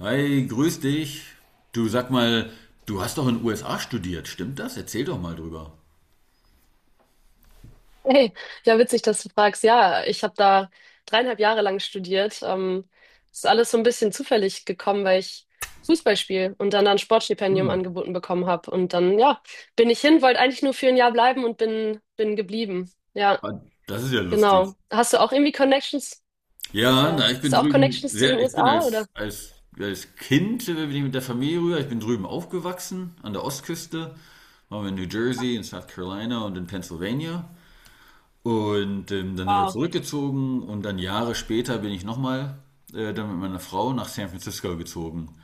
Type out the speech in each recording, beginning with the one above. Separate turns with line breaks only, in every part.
Hi, grüß dich. Du sag mal, du hast doch in den USA studiert, stimmt das? Erzähl doch mal drüber.
Hey, ja, witzig, dass du fragst. Ja, ich habe da 3,5 Jahre lang studiert. Ist alles so ein bisschen zufällig gekommen, weil ich Fußball spiele und dann ein Sportstipendium
Hm,
angeboten bekommen habe. Und dann, ja, bin ich hin, wollte eigentlich nur für 1 Jahr bleiben und bin geblieben. Ja,
ah, das ist ja lustig.
genau. Hast du auch irgendwie Connections?
Ja,
Ja.
na, ich
Hast
bin
du auch
drüben,
Connections zu den
ich bin
USA oder?
als Kind bin ich mit der Familie rüber. Ich bin drüben aufgewachsen, an der Ostküste. Waren wir in New Jersey, in South Carolina und in Pennsylvania. Und dann sind wir
Wow.
zurückgezogen und dann Jahre später bin ich nochmal dann mit meiner Frau nach San Francisco gezogen.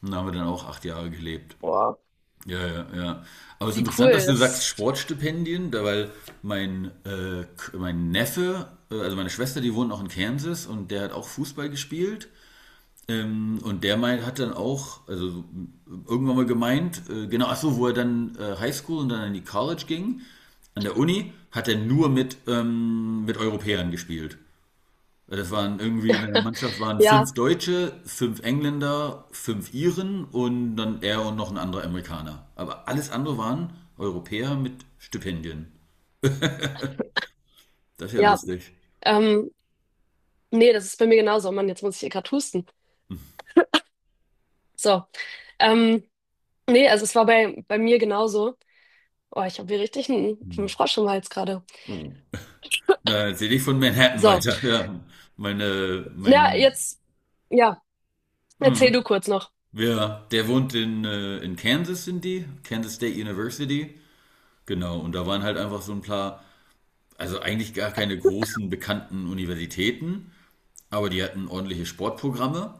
Und da haben wir dann auch 8 Jahre gelebt.
Wow.
Ja, ja, ja. Aber es ist
Wie
interessant, dass
cool.
du sagst
Das,
Sportstipendien, weil mein Neffe, also meine Schwester, die wohnt noch in Kansas und der hat auch Fußball gespielt. Und der meint, hat dann auch, also irgendwann mal gemeint, genau, ach so, wo er dann Highschool und dann in die College ging, an der Uni, hat er nur mit Europäern gespielt. Ja, das waren irgendwie in der Mannschaft waren fünf
ja,
Deutsche, fünf Engländer, fünf Iren und dann er und noch ein anderer Amerikaner. Aber alles andere waren Europäer mit Stipendien. Das ist ja
ja.
lustig.
Ähm, Nee, das ist bei mir genauso. Oh Mann, jetzt muss ich hier gerade husten. So. Ähm, Nee, also es war bei mir genauso. Oh, ich habe hier richtig einen
Hm.
Frosch im Hals gerade.
Oh. Na, erzähl ich von Manhattan
So,
weiter. Ja. Meine,
na,
mein,
jetzt, ja, erzähl du kurz noch.
ja, der wohnt in Kansas, sind die, Kansas State University. Genau, und da waren halt einfach so ein paar, also eigentlich gar keine großen bekannten Universitäten, aber die hatten ordentliche Sportprogramme.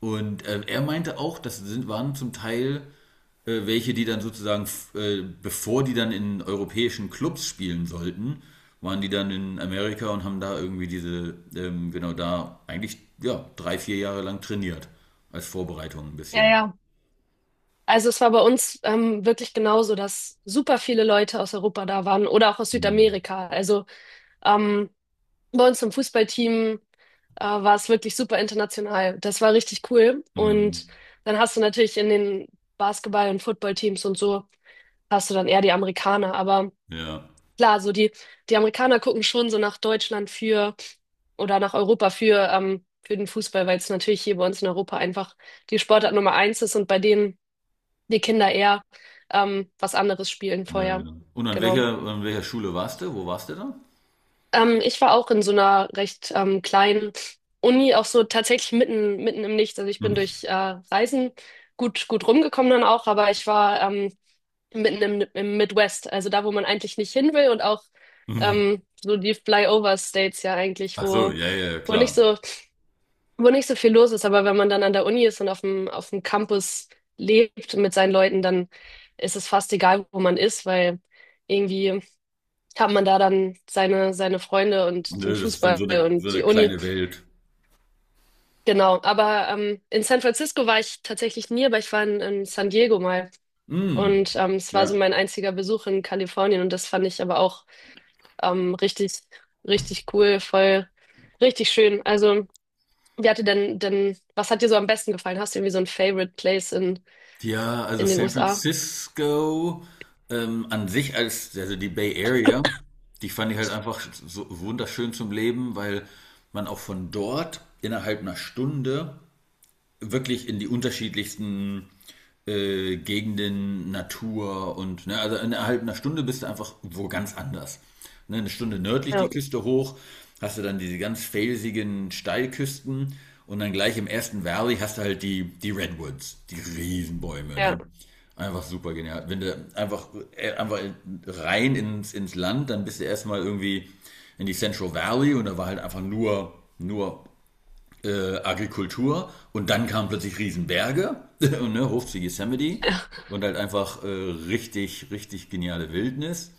Und er meinte auch, das sind, waren zum Teil welche, die dann sozusagen, bevor die dann in europäischen Clubs spielen sollten, waren die dann in Amerika und haben da irgendwie genau da eigentlich, ja, 3, 4 Jahre lang trainiert. Als Vorbereitung ein
Ja,
bisschen.
ja. Also es war bei uns wirklich genauso, dass super viele Leute aus Europa da waren oder auch aus
Mhm.
Südamerika. Also ähm, bei uns im Fußballteam war es wirklich super international. Das war richtig cool.
Mhm.
Und dann hast du natürlich in den Basketball- und Footballteams und so, hast du dann eher die Amerikaner. Aber
Ja,
klar, so die, die Amerikaner gucken schon so nach Deutschland für oder nach Europa für den Fußball, weil es natürlich hier bei uns in Europa einfach die Sportart Nummer eins ist und bei denen die Kinder eher was anderes spielen
ja,
vorher.
genau. Und an
Genau.
welcher Schule warst du? Wo warst du da?
Ich war auch in so einer recht kleinen Uni, auch so tatsächlich mitten im Nichts. Also ich bin
Mhm.
durch Reisen gut rumgekommen dann auch, aber ich war mitten im Midwest, also da, wo man eigentlich nicht hin will und auch
Mhm.
so die Flyover-States ja eigentlich,
Ach so,
wo,
ja, ja, ja,
wo nicht
klar.
so, wo nicht so viel los ist. Aber wenn man dann an der Uni ist und auf dem Campus lebt mit seinen Leuten, dann ist es fast egal, wo man ist, weil irgendwie hat man da dann seine Freunde und den
Nö, das ist dann
Fußball
so eine, so
und die
eine
Uni.
kleine Welt.
Genau. Aber in San Francisco war ich tatsächlich nie, aber ich war in San Diego mal.
Mhm.
Und es war so
Ja.
mein einziger Besuch in Kalifornien und das fand ich aber auch richtig, richtig cool, voll, richtig schön. Also, wie hat dir denn, was hat dir so am besten gefallen? Hast du irgendwie so ein Favorite Place
Ja, also
in den
San
USA?
Francisco an sich also die Bay Area, die fand ich halt einfach so wunderschön zum Leben, weil man auch von dort innerhalb einer Stunde wirklich in die unterschiedlichsten Gegenden, Natur und ne, also innerhalb einer Stunde bist du einfach wo ganz anders. Ne, eine Stunde nördlich
Ja,
die Küste hoch, hast du dann diese ganz felsigen Steilküsten und dann gleich im ersten Valley hast du halt die Redwoods, die Riesenbäume,
ja,
ne? Einfach super genial. Wenn du einfach rein ins Land, dann bist du erstmal irgendwie in die Central Valley und da war halt einfach nur Agrikultur und dann kamen plötzlich Riesenberge, ne, Hof zu Yosemite und halt einfach richtig, richtig geniale Wildnis.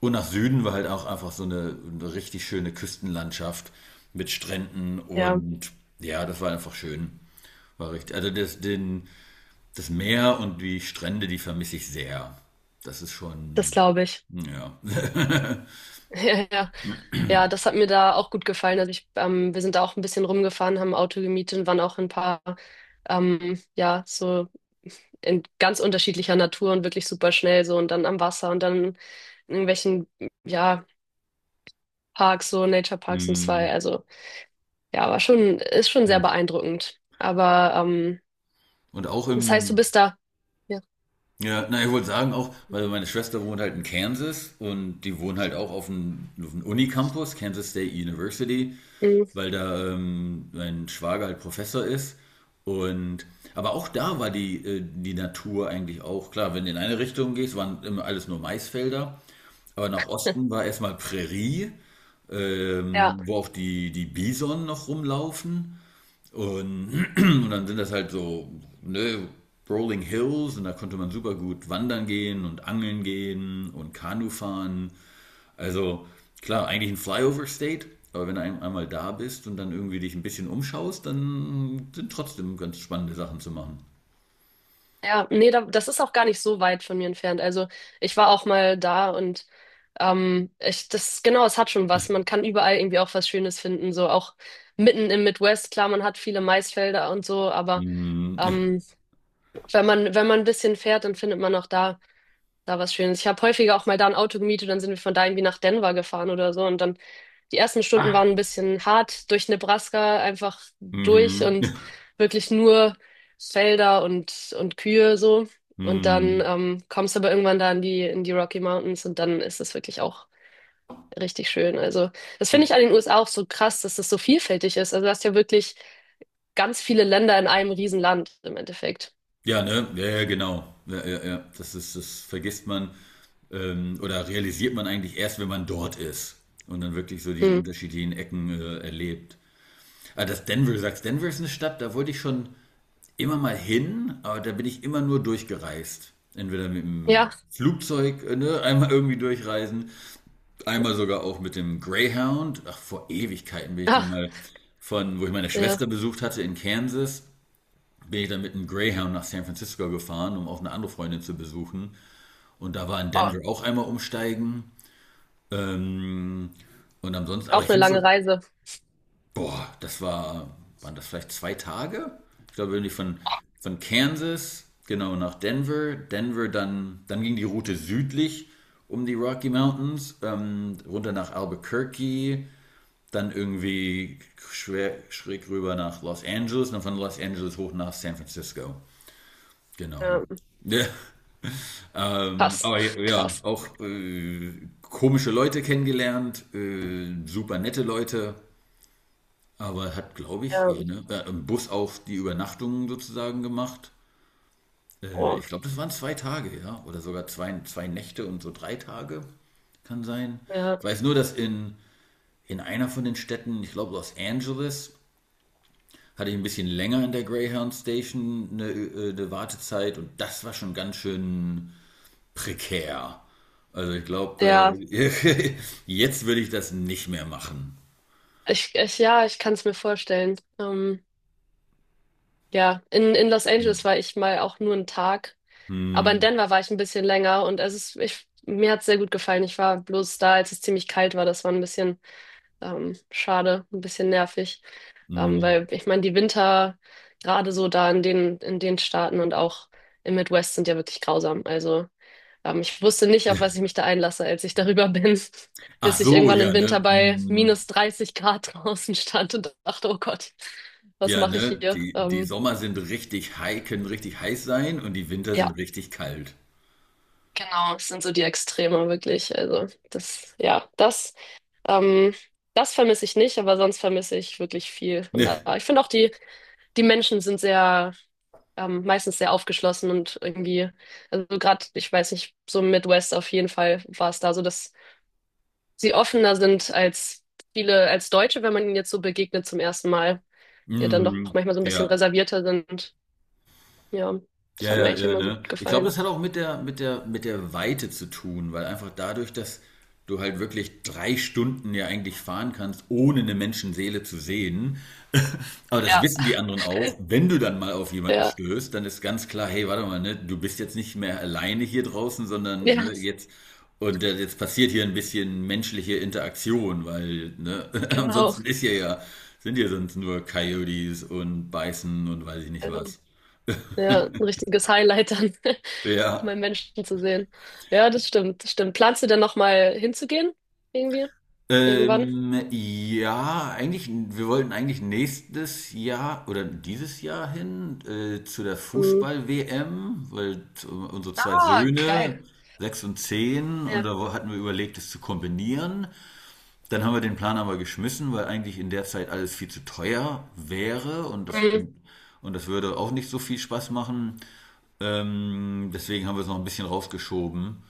Und nach Süden war halt auch einfach so eine richtig schöne Küstenlandschaft mit Stränden
ja,
und ja, das war einfach schön. War richtig. Also das Meer und die Strände, die vermisse ich sehr. Das ist
das
schon,
glaube ich.
ja.
Ja, ja, ja, das hat mir da auch gut gefallen. Also ich, wir sind da auch ein bisschen rumgefahren, haben ein Auto gemietet und waren auch in ein paar, ja, so in ganz unterschiedlicher Natur und wirklich super schnell so und dann am Wasser und dann in irgendwelchen, ja, Parks, so Nature Parks und zwei.
Hm.
Also ja, aber schon, ist schon sehr beeindruckend. Aber
Und auch
das heißt, du
im,
bist da. Ja.
ja, na, ich wollte sagen auch, weil meine Schwester wohnt halt in Kansas und die wohnt halt auch auf dem Unicampus, Kansas State University,
Mhm.
weil da mein Schwager halt Professor ist. Und aber auch da war die Natur eigentlich auch klar. Wenn du in eine Richtung gehst, waren immer alles nur Maisfelder. Aber nach Osten war erstmal Prärie,
Ja,
wo auch die Bison noch rumlaufen. Und, und dann sind das halt so ne, Rolling Hills und da konnte man super gut wandern gehen und angeln gehen und Kanu fahren. Also klar, eigentlich ein Flyover State, aber wenn du einmal da bist und dann irgendwie dich ein bisschen umschaust, dann sind trotzdem ganz spannende Sachen zu machen.
ja, nee, da, das ist auch gar nicht so weit von mir entfernt. Also ich war auch mal da und ich, das, genau, es hat schon was. Man kann überall irgendwie auch was Schönes finden. So auch mitten im Midwest, klar, man hat viele Maisfelder und so, aber
Mhm.
ähm, wenn man, wenn man ein bisschen fährt, dann findet man auch da da war es schön. Ich habe häufiger auch mal da ein Auto gemietet, dann sind wir von da irgendwie nach Denver gefahren oder so. Und dann die ersten Stunden waren
Ah.
ein bisschen hart durch Nebraska, einfach durch
Mhm.
und wirklich nur Felder und Kühe so. Und dann
Mhm.
kommst du aber irgendwann da in die Rocky Mountains und dann ist es wirklich auch richtig schön. Also das finde ich an den USA auch so krass, dass das so vielfältig ist. Also du hast ja wirklich ganz viele Länder in einem Riesenland im Endeffekt.
Ja, ne? Ja, ja, genau. Ja, ja, ja. Das das vergisst man oder realisiert man eigentlich erst, wenn man dort ist und dann wirklich so diese
Mhm.
unterschiedlichen Ecken erlebt. Ah, das Denver, du sagst, Denver ist eine Stadt, da wollte ich schon immer mal hin, aber da bin ich immer nur durchgereist. Entweder mit dem
Ja,
Flugzeug, ne, einmal irgendwie durchreisen, einmal sogar auch mit dem Greyhound. Ach, vor Ewigkeiten bin ich dann
ach,
mal wo ich meine
ja,
Schwester besucht hatte in Kansas bin ich dann mit einem Greyhound nach San Francisco gefahren, um auch eine andere Freundin zu besuchen. Und da war in
oh,
Denver auch einmal umsteigen. Ähm, und ansonsten, aber
auch
ich
eine
finde
lange
so,
Reise.
boah, waren das vielleicht 2 Tage? Ich glaube, irgendwie von Kansas, genau, nach Denver. Denver, dann ging die Route südlich um die Rocky Mountains, runter nach Albuquerque, dann irgendwie schräg rüber nach Los Angeles, und dann von Los Angeles hoch nach San Francisco. Genau.
Ja.
Ja.
Krass,
Aber ja, ja
krass.
auch komische Leute kennengelernt, super nette Leute, aber hat, glaube ich,
Ja,
ja, ne, im Bus auch die Übernachtungen sozusagen gemacht.
oh,
Ich glaube, das waren 2 Tage, ja, oder sogar zwei Nächte und so 3 Tage, kann sein.
ja,
Ich weiß nur, dass in einer von den Städten, ich glaube Los Angeles, hatte ich ein bisschen länger in der Greyhound Station eine Wartezeit und das war schon ganz schön prekär. Also ich glaube,
ja,
äh, jetzt würde ich das nicht mehr machen.
ich, ja, ich kann es mir vorstellen. Ja, in Los Angeles war ich mal auch nur 1 Tag, aber in
Mhm.
Denver war ich ein bisschen länger und es ist, ich, mir hat es sehr gut gefallen. Ich war bloß da, als es ziemlich kalt war. Das war ein bisschen schade, ein bisschen nervig,
Mhm.
weil ich meine, die Winter gerade so da in den Staaten und auch im Midwest sind ja wirklich grausam. Also ähm, ich wusste nicht, auf was ich mich da einlasse, als ich darüber bin,
Ach
bis ich
so,
irgendwann
ja,
im Winter
ne?
bei
Mhm.
minus 30 Grad draußen stand und dachte, oh Gott, was
Ja,
mache ich
ne?
hier?
Die Sommer sind richtig heiß, können richtig heiß sein und die Winter sind
Ja,
richtig kalt.
genau, es sind so die Extreme wirklich. Also das, ja, das, ähm, das vermisse ich nicht, aber sonst vermisse ich wirklich viel. Und
Ne?
da, ich finde auch die, die Menschen sind sehr, meistens sehr aufgeschlossen und irgendwie, also gerade, ich weiß nicht, so im Midwest auf jeden Fall war es da so, dass sie offener sind als viele, als Deutsche, wenn man ihnen jetzt so begegnet zum ersten Mal, die ja dann doch
Mhm.
manchmal so ein bisschen
Ja.
reservierter sind. Ja, das
Ja,
hat mir
ja,
eigentlich
ja,
immer gut
ne? Ich glaube,
gefallen.
das hat auch mit der Weite zu tun, weil einfach dadurch, dass du halt wirklich 3 Stunden ja eigentlich fahren kannst, ohne eine Menschenseele zu sehen. Aber das
Ja,
wissen die anderen auch. Wenn du dann mal auf jemanden
ja,
stößt, dann ist ganz klar, hey, warte mal, ne, du bist jetzt nicht mehr alleine hier draußen, sondern ne,
ja,
jetzt und jetzt passiert hier ein bisschen menschliche Interaktion, weil ne,
genau.
ansonsten ist hier ja, sind hier sonst nur Coyotes und Beißen und weiß ich nicht
Also,
was.
ja, ein richtiges Highlight dann,
Ja.
mal Menschen zu sehen. Ja, das stimmt, das stimmt. Planst du denn nochmal hinzugehen? Irgendwie? Irgendwann?
Ja, eigentlich, wir wollten eigentlich nächstes Jahr oder dieses Jahr hin zu der
Mhm.
Fußball-WM, weil unsere zwei
Ah,
Söhne,
geil.
6 und 10, und
Ja.
da hatten wir überlegt, es zu kombinieren. Dann haben wir den Plan aber geschmissen, weil eigentlich in der Zeit alles viel zu teuer wäre und das,
Mhm.
und, und das würde auch nicht so viel Spaß machen. Deswegen haben wir es noch ein bisschen rausgeschoben.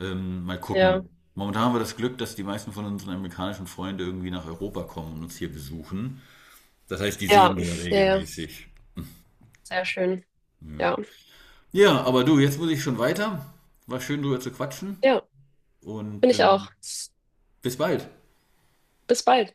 Mal
Ja,
gucken. Momentan haben wir das Glück, dass die meisten von unseren amerikanischen Freunden irgendwie nach Europa kommen und uns hier besuchen. Das heißt, die
ja,
sehen wir
ja, ja.
regelmäßig.
Sehr schön. Ja,
Ja, aber du, jetzt muss ich schon weiter. War schön, drüber zu quatschen
ja, bin
und
ich auch.
bis bald.
Bis bald.